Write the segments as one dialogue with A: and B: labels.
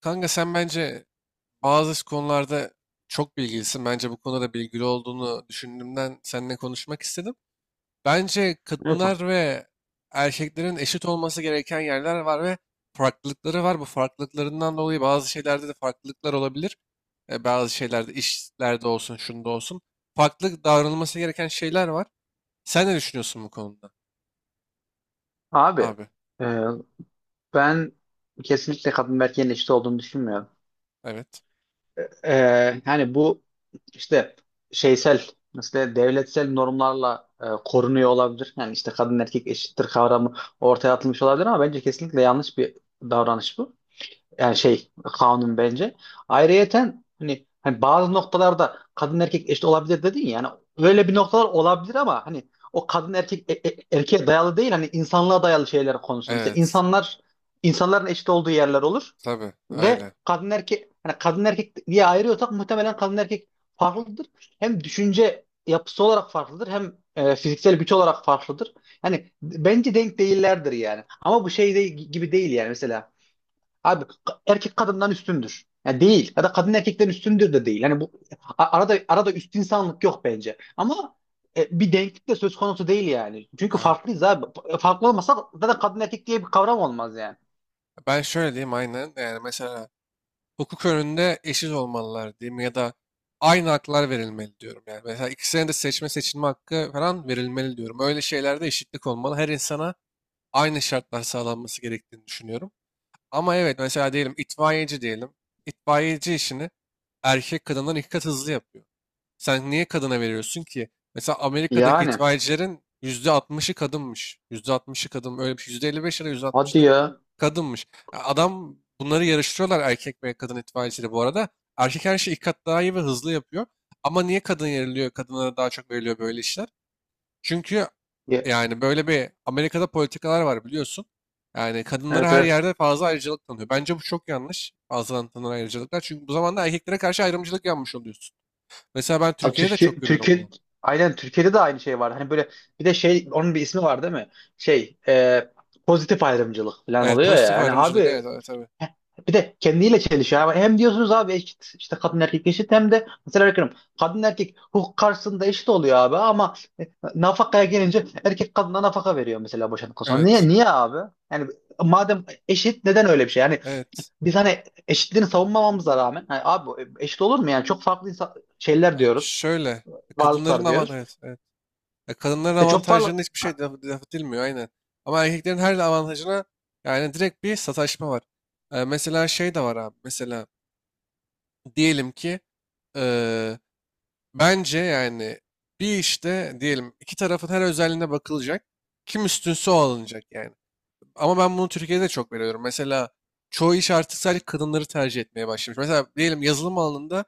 A: Kanka sen bence bazı konularda çok bilgilisin. Bence bu konuda da bilgili olduğunu düşündüğümden seninle konuşmak istedim. Bence
B: Evet.
A: kadınlar ve erkeklerin eşit olması gereken yerler var ve farklılıkları var. Bu farklılıklarından dolayı bazı şeylerde de farklılıklar olabilir. Bazı şeylerde, işlerde olsun, şunda olsun. Farklı davranılması gereken şeyler var. Sen ne düşünüyorsun bu konuda?
B: Abi,
A: Abi,
B: e, ben kesinlikle kadın ve erkeğin eşit olduğunu düşünmüyorum.
A: evet.
B: E, Yani bu işte şeysel, mesela devletsel normlarla korunuyor olabilir. Yani işte kadın erkek eşittir kavramı ortaya atılmış olabilir ama bence kesinlikle yanlış bir davranış bu. Yani şey, kanun bence. Ayrıyeten hani bazı noktalarda kadın erkek eşit olabilir dedin ya. Yani öyle bir noktalar olabilir ama hani o kadın erkek erkeğe dayalı değil, hani insanlığa dayalı şeyler konusunda. Mesela
A: Evet,
B: insanların eşit olduğu yerler olur
A: tabii
B: ve
A: öyle.
B: kadın erkek, hani kadın erkek diye ayırıyorsak muhtemelen kadın erkek farklıdır. Hem düşünce yapısı olarak farklıdır, hem fiziksel güç olarak farklıdır. Hani bence denk değillerdir yani. Ama bu şey de, gibi değil yani mesela. Abi, erkek kadından üstündür, yani değil. Ya da kadın erkekten üstündür de değil. Hani bu arada üst insanlık yok bence. Ama bir denklik de söz konusu değil yani. Çünkü
A: Abi.
B: farklıyız abi. Farklı olmasa zaten kadın erkek diye bir kavram olmaz yani.
A: Ben şöyle diyeyim aynen. Yani mesela hukuk önünde eşit olmalılar diyeyim ya da aynı haklar verilmeli diyorum. Yani mesela ikisine de seçme seçilme hakkı falan verilmeli diyorum. Öyle şeylerde eşitlik olmalı. Her insana aynı şartlar sağlanması gerektiğini düşünüyorum. Ama evet mesela diyelim itfaiyeci diyelim. İtfaiyeci işini erkek kadından iki kat hızlı yapıyor. Sen niye kadına veriyorsun ki? Mesela Amerika'daki
B: Yani
A: itfaiyecilerin %60'ı kadınmış. %60'ı kadın. Öyle bir şey. %55 ya da
B: hadi
A: %60'lı
B: ya.
A: kadınmış. Ya adam bunları yarıştırıyorlar erkek ve kadın itfaiyecileri bu arada. Erkek her şeyi iki kat daha iyi ve hızlı yapıyor. Ama niye kadın yeriliyor? Kadınlara daha çok veriliyor böyle işler. Çünkü
B: Ya,
A: yani böyle bir Amerika'da politikalar var biliyorsun. Yani kadınlara
B: evet,
A: her
B: evet.
A: yerde fazla ayrıcalık tanıyor. Bence bu çok yanlış, fazla tanınan ayrıcalıklar. Çünkü bu zaman da erkeklere karşı ayrımcılık yanmış oluyorsun. Mesela ben
B: Abi,
A: Türkiye'de de çok görüyorum
B: Türkiye,
A: bunu.
B: aynen Türkiye'de de aynı şey var. Hani böyle, bir de şey, onun bir ismi var değil mi? Şey e, pozitif ayrımcılık falan
A: Evet,
B: oluyor
A: pozitif
B: ya. Hani
A: ayrımcılık,
B: abi,
A: evet evet tabii.
B: bir de kendiyle çelişiyor. Ama hem diyorsunuz abi eşit, işte kadın erkek eşit, hem de mesela bakıyorum, kadın erkek hukuk karşısında eşit oluyor abi, ama nafakaya gelince erkek kadına nafaka veriyor mesela, boşandıktan sonra.
A: Evet.
B: Niye, niye abi? Yani madem eşit, neden öyle bir şey? Yani
A: Evet.
B: biz hani eşitliğini savunmamamıza rağmen hani abi, eşit olur mu? Yani çok farklı insan, şeyler
A: Ha,
B: diyoruz.
A: şöyle kadınların
B: Varlıklar
A: avantajı,
B: diyoruz.
A: evet, evet. Ya kadınların
B: İşte çok
A: avantajlarına
B: farklı.
A: hiçbir şey laf edilmiyor aynen. Ama erkeklerin her avantajına yani direkt bir sataşma var. Mesela şey de var abi. Mesela diyelim ki eee, bence yani bir işte diyelim iki tarafın her özelliğine bakılacak. Kim üstünse o alınacak yani. Ama ben bunu Türkiye'de çok veriyorum. Mesela çoğu iş artık sadece kadınları tercih etmeye başlamış. Mesela diyelim yazılım alanında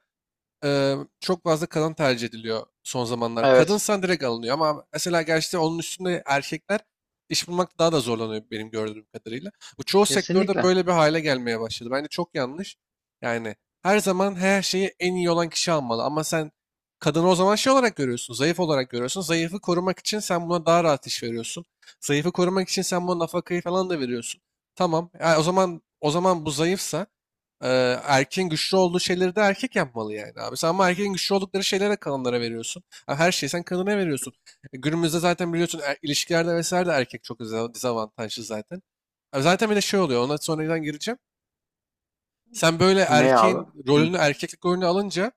A: çok fazla kadın tercih ediliyor son zamanlar.
B: Evet,
A: Kadınsan direkt alınıyor ama mesela gerçi onun üstünde erkekler iş bulmakta daha da zorlanıyor benim gördüğüm kadarıyla. Bu çoğu sektörde
B: kesinlikle.
A: böyle bir hale gelmeye başladı. Bence çok yanlış. Yani her zaman her şeyi en iyi olan kişi almalı ama sen kadını o zaman şey olarak görüyorsun, zayıf olarak görüyorsun. Zayıfı korumak için sen buna daha rahat iş veriyorsun. Zayıfı korumak için sen buna nafakayı falan da veriyorsun. Tamam. Ya o zaman, bu zayıfsa erkeğin güçlü olduğu şeyleri de erkek yapmalı yani abi. Sen ama erkeğin güçlü oldukları şeylere kadınlara veriyorsun. Ha, her şeyi sen kadına veriyorsun. Günümüzde zaten biliyorsun ilişkilerde vesaire de erkek çok dezavantajlı zaten. Abi zaten bir de şey oluyor, ona sonradan gireceğim. Sen böyle
B: Ne abi?
A: erkeğin
B: Hı.
A: rolünü, erkeklik rolünü alınca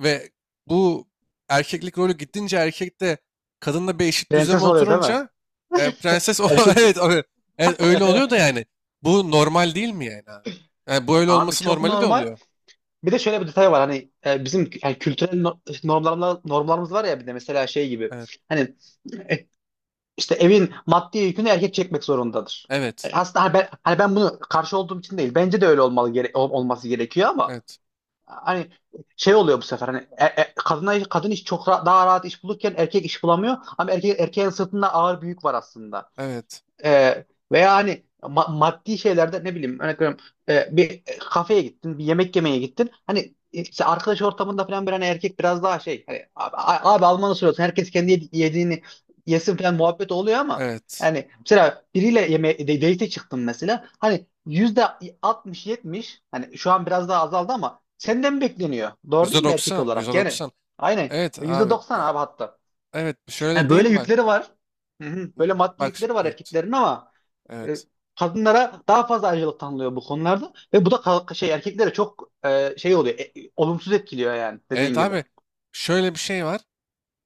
A: ve bu erkeklik rolü gittince erkekte, kadınla bir eşit düzleme
B: Prenses oluyor değil mi?
A: oturunca prenses o
B: Erkek.
A: evet, evet öyle oluyor da yani bu normal değil mi yani abi? Yani bu öyle
B: Abi
A: olması
B: çok
A: normali de
B: normal.
A: oluyor.
B: Bir de şöyle bir detay var, hani bizim yani kültürel normlarımız var ya, bir de mesela şey gibi,
A: Evet.
B: hani e, işte evin maddi yükünü erkek çekmek zorundadır.
A: Evet.
B: Aslında hani ben bunu karşı olduğum için değil, bence de öyle olmalı, olması gerekiyor, ama
A: Evet.
B: hani şey oluyor bu sefer, hani kadına, kadın iş, çok daha rahat iş bulurken erkek iş bulamıyor, ama erkeğin sırtında ağır bir yük var aslında.
A: Evet.
B: E, Veya hani maddi şeylerde, ne bileyim, örnek veriyorum, bir kafeye gittin, bir yemek yemeye gittin, hani işte arkadaş ortamında falan bir, hani erkek biraz daha şey, hani abi, abi Alman'ı soruyorsun, herkes kendi yediğini yesin falan, muhabbet oluyor ama
A: Evet.
B: hani mesela biriyle date çıktım mesela, hani %60-70, hani şu an biraz daha azaldı ama senden bekleniyor, doğru değil mi, erkek
A: %90. Doksan. yüzde
B: olarak yani.
A: doksan.
B: Aynen,
A: Evet
B: yüzde
A: abi.
B: 90 abi, hatta.
A: Evet. Şöyle
B: Yani böyle
A: diyeyim bak.
B: yükleri var. Hı hı. Böyle maddi
A: Bak.
B: yükleri var
A: Evet.
B: erkeklerin, ama e,
A: Evet.
B: kadınlara daha fazla ayrıcalık tanınıyor bu konularda ve bu da erkeklere çok olumsuz etkiliyor yani, dediğin
A: Evet
B: gibi.
A: abi. Şöyle bir şey var.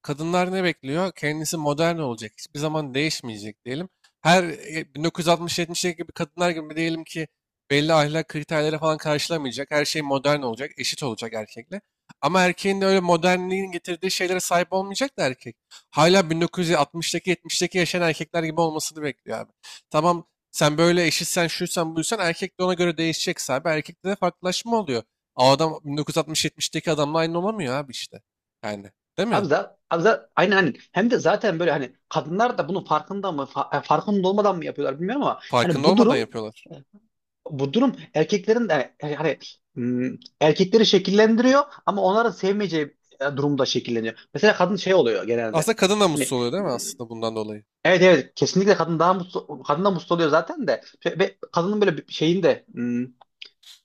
A: Kadınlar ne bekliyor? Kendisi modern olacak. Hiçbir zaman değişmeyecek diyelim. Her 1960-70'deki gibi kadınlar gibi diyelim ki belli ahlak kriterleri falan karşılamayacak. Her şey modern olacak, eşit olacak erkekle. Ama erkeğin de öyle modernliğin getirdiği şeylere sahip olmayacak da erkek. Hala 1960'daki, 70'deki yaşayan erkekler gibi olmasını bekliyor abi. Tamam sen böyle eşitsen, şuysan buysan, erkek de ona göre değişecekse abi, erkekte de farklılaşma oluyor. O adam 1960-70'deki adamla aynı olamıyor abi işte. Yani değil
B: Abi,
A: mi?
B: aynen, hani hem de zaten böyle, hani kadınlar da bunun farkında mı, farkında olmadan mı yapıyorlar bilmiyorum, ama hani
A: Farkında
B: bu
A: olmadan
B: durum,
A: yapıyorlar.
B: erkeklerin de hani, m, erkekleri şekillendiriyor, ama onların sevmeyeceği durumda şekilleniyor. Mesela kadın şey oluyor genelde.
A: Aslında kadın da mutsuz
B: Hani,
A: oluyor değil mi aslında bundan dolayı?
B: evet, evet, kesinlikle. Kadın daha mutlu, kadın da mutlu oluyor zaten. De, ve kadının böyle bir şeyin, hmm,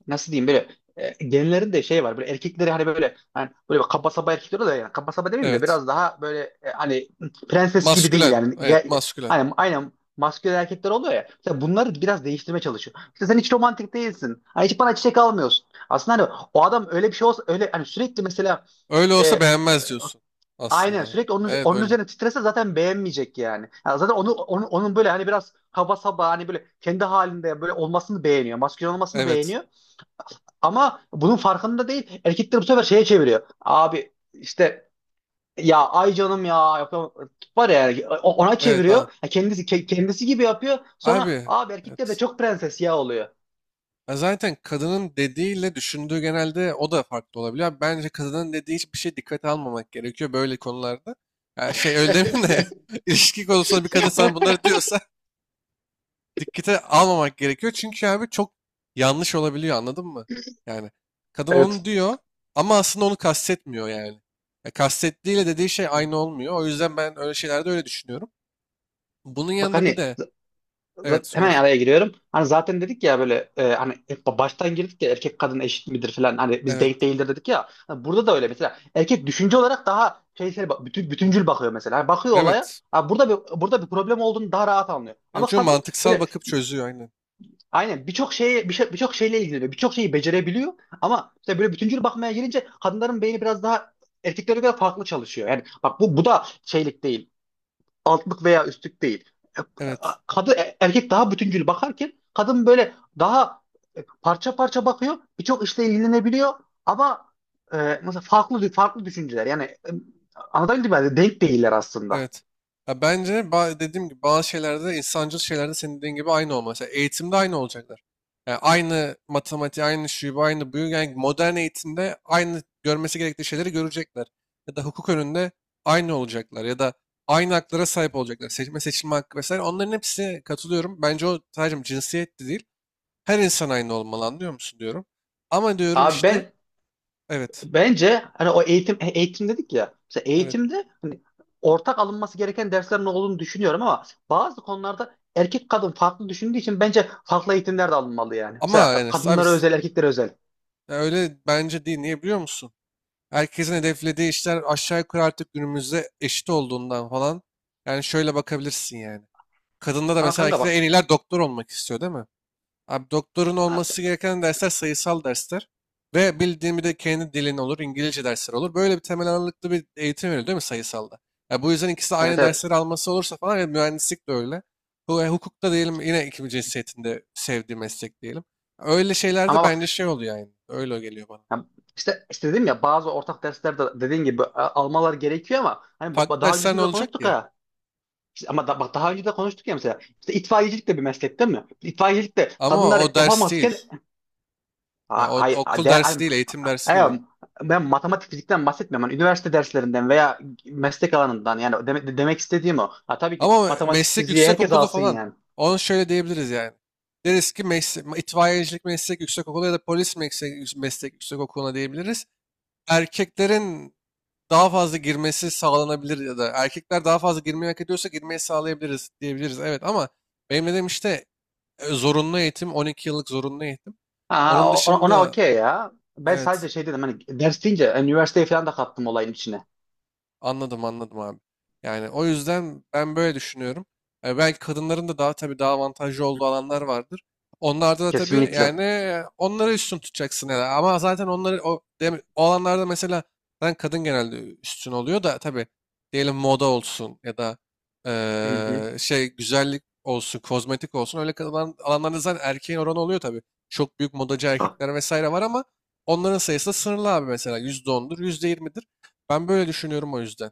B: nasıl diyeyim, böyle genlerin şey var, böyle erkekleri hani, böyle hani böyle kaba saba erkekler oluyor yani, kaba saba demeyeyim de,
A: Evet.
B: biraz daha böyle hani prenses gibi değil
A: Maskülen.
B: yani.
A: Evet, maskülen.
B: Hani aynen, maskülen erkekler oluyor ya, mesela bunları biraz değiştirmeye çalışıyor. İşte sen hiç romantik değilsin, hani hiç bana çiçek almıyorsun. Aslında hani o adam öyle bir şey olsa, öyle hani sürekli mesela
A: Öyle olsa
B: e,
A: beğenmez diyorsun
B: aynen,
A: aslında.
B: sürekli
A: Evet
B: onun
A: öyle.
B: üzerine titrese zaten beğenmeyecek yani. Ya zaten onun böyle hani biraz kaba saba, hani böyle kendi halinde böyle olmasını beğeniyor, maskülen olmasını
A: Evet.
B: beğeniyor. Ama bunun farkında değil. Erkekler bu sefer şeye çeviriyor. Abi işte, ya, ay canım, ya yapamam, var ya yani, ona
A: Evet
B: çeviriyor.
A: anladım.
B: Ya kendisi, kendisi gibi yapıyor. Sonra
A: Abi
B: abi erkekler de
A: evet.
B: çok prenses ya oluyor.
A: Ya zaten kadının dediğiyle düşündüğü genelde o da farklı olabiliyor. Abi, bence kadının dediği hiçbir şey dikkate almamak gerekiyor böyle konularda. Ya şey, öyle demeyeyim de ilişki konusunda bir kadın sana bunları diyorsa dikkate almamak gerekiyor. Çünkü abi çok yanlış olabiliyor, anladın mı? Yani kadın onu
B: Evet.
A: diyor ama aslında onu kastetmiyor yani. Ya kastettiğiyle dediği şey aynı olmuyor. O yüzden ben öyle şeylerde öyle düşünüyorum. Bunun
B: Bak
A: yanında bir
B: hani,
A: de evet
B: zaten hemen
A: sonuç
B: araya giriyorum. Hani zaten dedik ya böyle, hani hep baştan girdik ya, erkek kadın eşit midir falan, hani biz
A: evet
B: denk değildir dedik ya. Hani burada da öyle, mesela erkek düşünce olarak daha şeysel bütüncül bakıyor mesela. Hani bakıyor olaya.
A: evet.
B: Ha, burada bir, problem olduğunu daha rahat anlıyor.
A: Ya
B: Ama
A: çünkü
B: kadın
A: mantıksal
B: böyle,
A: bakıp çözüyor aynen.
B: aynen, birçok şeye, birçok şeyle ilgileniyor, birçok şeyi becerebiliyor, ama işte böyle bütüncül bakmaya gelince kadınların beyni biraz daha erkeklere göre farklı çalışıyor. Yani bak, bu da şeylik değil, altlık veya üstlük değil.
A: Evet.
B: Kadın, erkek daha bütüncül bakarken kadın böyle daha parça parça bakıyor, birçok işle ilgilenebiliyor, ama e, mesela farklı farklı düşünceler. Yani anlatabildim mi? Denk değiller aslında.
A: Evet. Ya bence dediğim gibi bazı şeylerde, insancıl şeylerde, senin dediğin gibi aynı olması. Mesela eğitimde aynı olacaklar. Yani aynı matematiği, aynı şuyu, bu, aynı buyu. Yani modern eğitimde aynı görmesi gerektiği şeyleri görecekler. Ya da hukuk önünde aynı olacaklar. Ya da aynı haklara sahip olacaklar. Seçme seçilme hakkı vesaire. Onların hepsine katılıyorum. Bence o sadece cinsiyet de değil. Her insan aynı olmalı, anlıyor musun diyorum. Ama diyorum
B: Abi,
A: işte evet.
B: bence hani o eğitim, eğitim dedik ya. Mesela
A: Evet.
B: eğitimde hani ortak alınması gereken derslerin olduğunu düşünüyorum, ama bazı konularda erkek kadın farklı düşündüğü için bence farklı eğitimler de alınmalı yani.
A: Ama
B: Mesela
A: yani abi
B: kadınlara özel, erkeklere özel.
A: ya öyle bence değil. Niye biliyor musun? Herkesin hedeflediği işler aşağı yukarı artık günümüzde eşit olduğundan falan. Yani şöyle bakabilirsin yani. Kadında da
B: Ama
A: mesela
B: kanka,
A: belki de en iyiler doktor olmak istiyor değil mi? Abi, doktorun
B: bak.
A: olması gereken dersler sayısal dersler. Ve bildiğim bir de kendi dilin olur, İngilizce dersler olur. Böyle bir temel ağırlıklı bir eğitim veriliyor değil mi sayısalda? Ya bu yüzden ikisi de
B: Evet,
A: aynı
B: evet.
A: dersleri alması olursa falan, ya mühendislik de öyle. Hukukta diyelim yine ikinci cinsiyetinde sevdiği meslek diyelim. Öyle şeylerde
B: Ama
A: bence
B: bak
A: şey oluyor yani. Öyle geliyor bana.
B: ya, işte dedim ya, bazı ortak derslerde dediğin gibi almalar gerekiyor, ama hani
A: Farklı
B: daha
A: dersler ne
B: öncesinde de
A: olacak
B: konuştuk
A: ki?
B: ha. İşte bak, daha önce de konuştuk ya mesela. İşte itfaiyecilik de bir meslek değil mi? İtfaiyecilik de
A: Ama
B: kadınlar
A: o ders
B: yapamazken,
A: değil. Yani
B: Ha-
A: o
B: hay,
A: okul
B: de, ay
A: dersi değil, eğitim dersi değil
B: ay-
A: ama.
B: ben matematik fizikten bahsetmiyorum. Hani üniversite derslerinden veya meslek alanından yani, demek istediğim o. Ha, tabii ki
A: Ama
B: matematik
A: meslek
B: fiziği herkes
A: yüksekokulu
B: alsın
A: falan.
B: yani.
A: Onu şöyle diyebiliriz yani. Deriz ki meslek, itfaiyecilik meslek yüksekokulu ya da polis meslek, yüksekokuluna diyebiliriz. Erkeklerin daha fazla girmesi sağlanabilir ya da erkekler daha fazla girmeyi hak ediyorsa girmeyi sağlayabiliriz diyebiliriz. Evet ama benim dediğim işte zorunlu eğitim, 12 yıllık zorunlu eğitim.
B: Ha,
A: Onun
B: ona
A: dışında
B: okey ya. Ben
A: evet.
B: sadece şey dedim, hani ders deyince üniversiteyi falan da kattım olayın içine.
A: Anladım abi. Yani o yüzden ben böyle düşünüyorum. Yani belki kadınların da daha tabii daha avantajlı olduğu alanlar vardır. Onlarda da tabii
B: Kesinlikle.
A: yani onları üstün tutacaksın ya. Ama zaten onları o alanlarda mesela ben kadın genelde üstün oluyor da tabii, diyelim moda olsun ya da
B: Hı hı.
A: şey güzellik olsun, kozmetik olsun öyle kalan alanlarda zaten erkeğin oranı oluyor tabii. Çok büyük modacı erkekler vesaire var ama onların sayısı da sınırlı abi, mesela %10'dur, yüzde yirmidir. Ben böyle düşünüyorum o yüzden.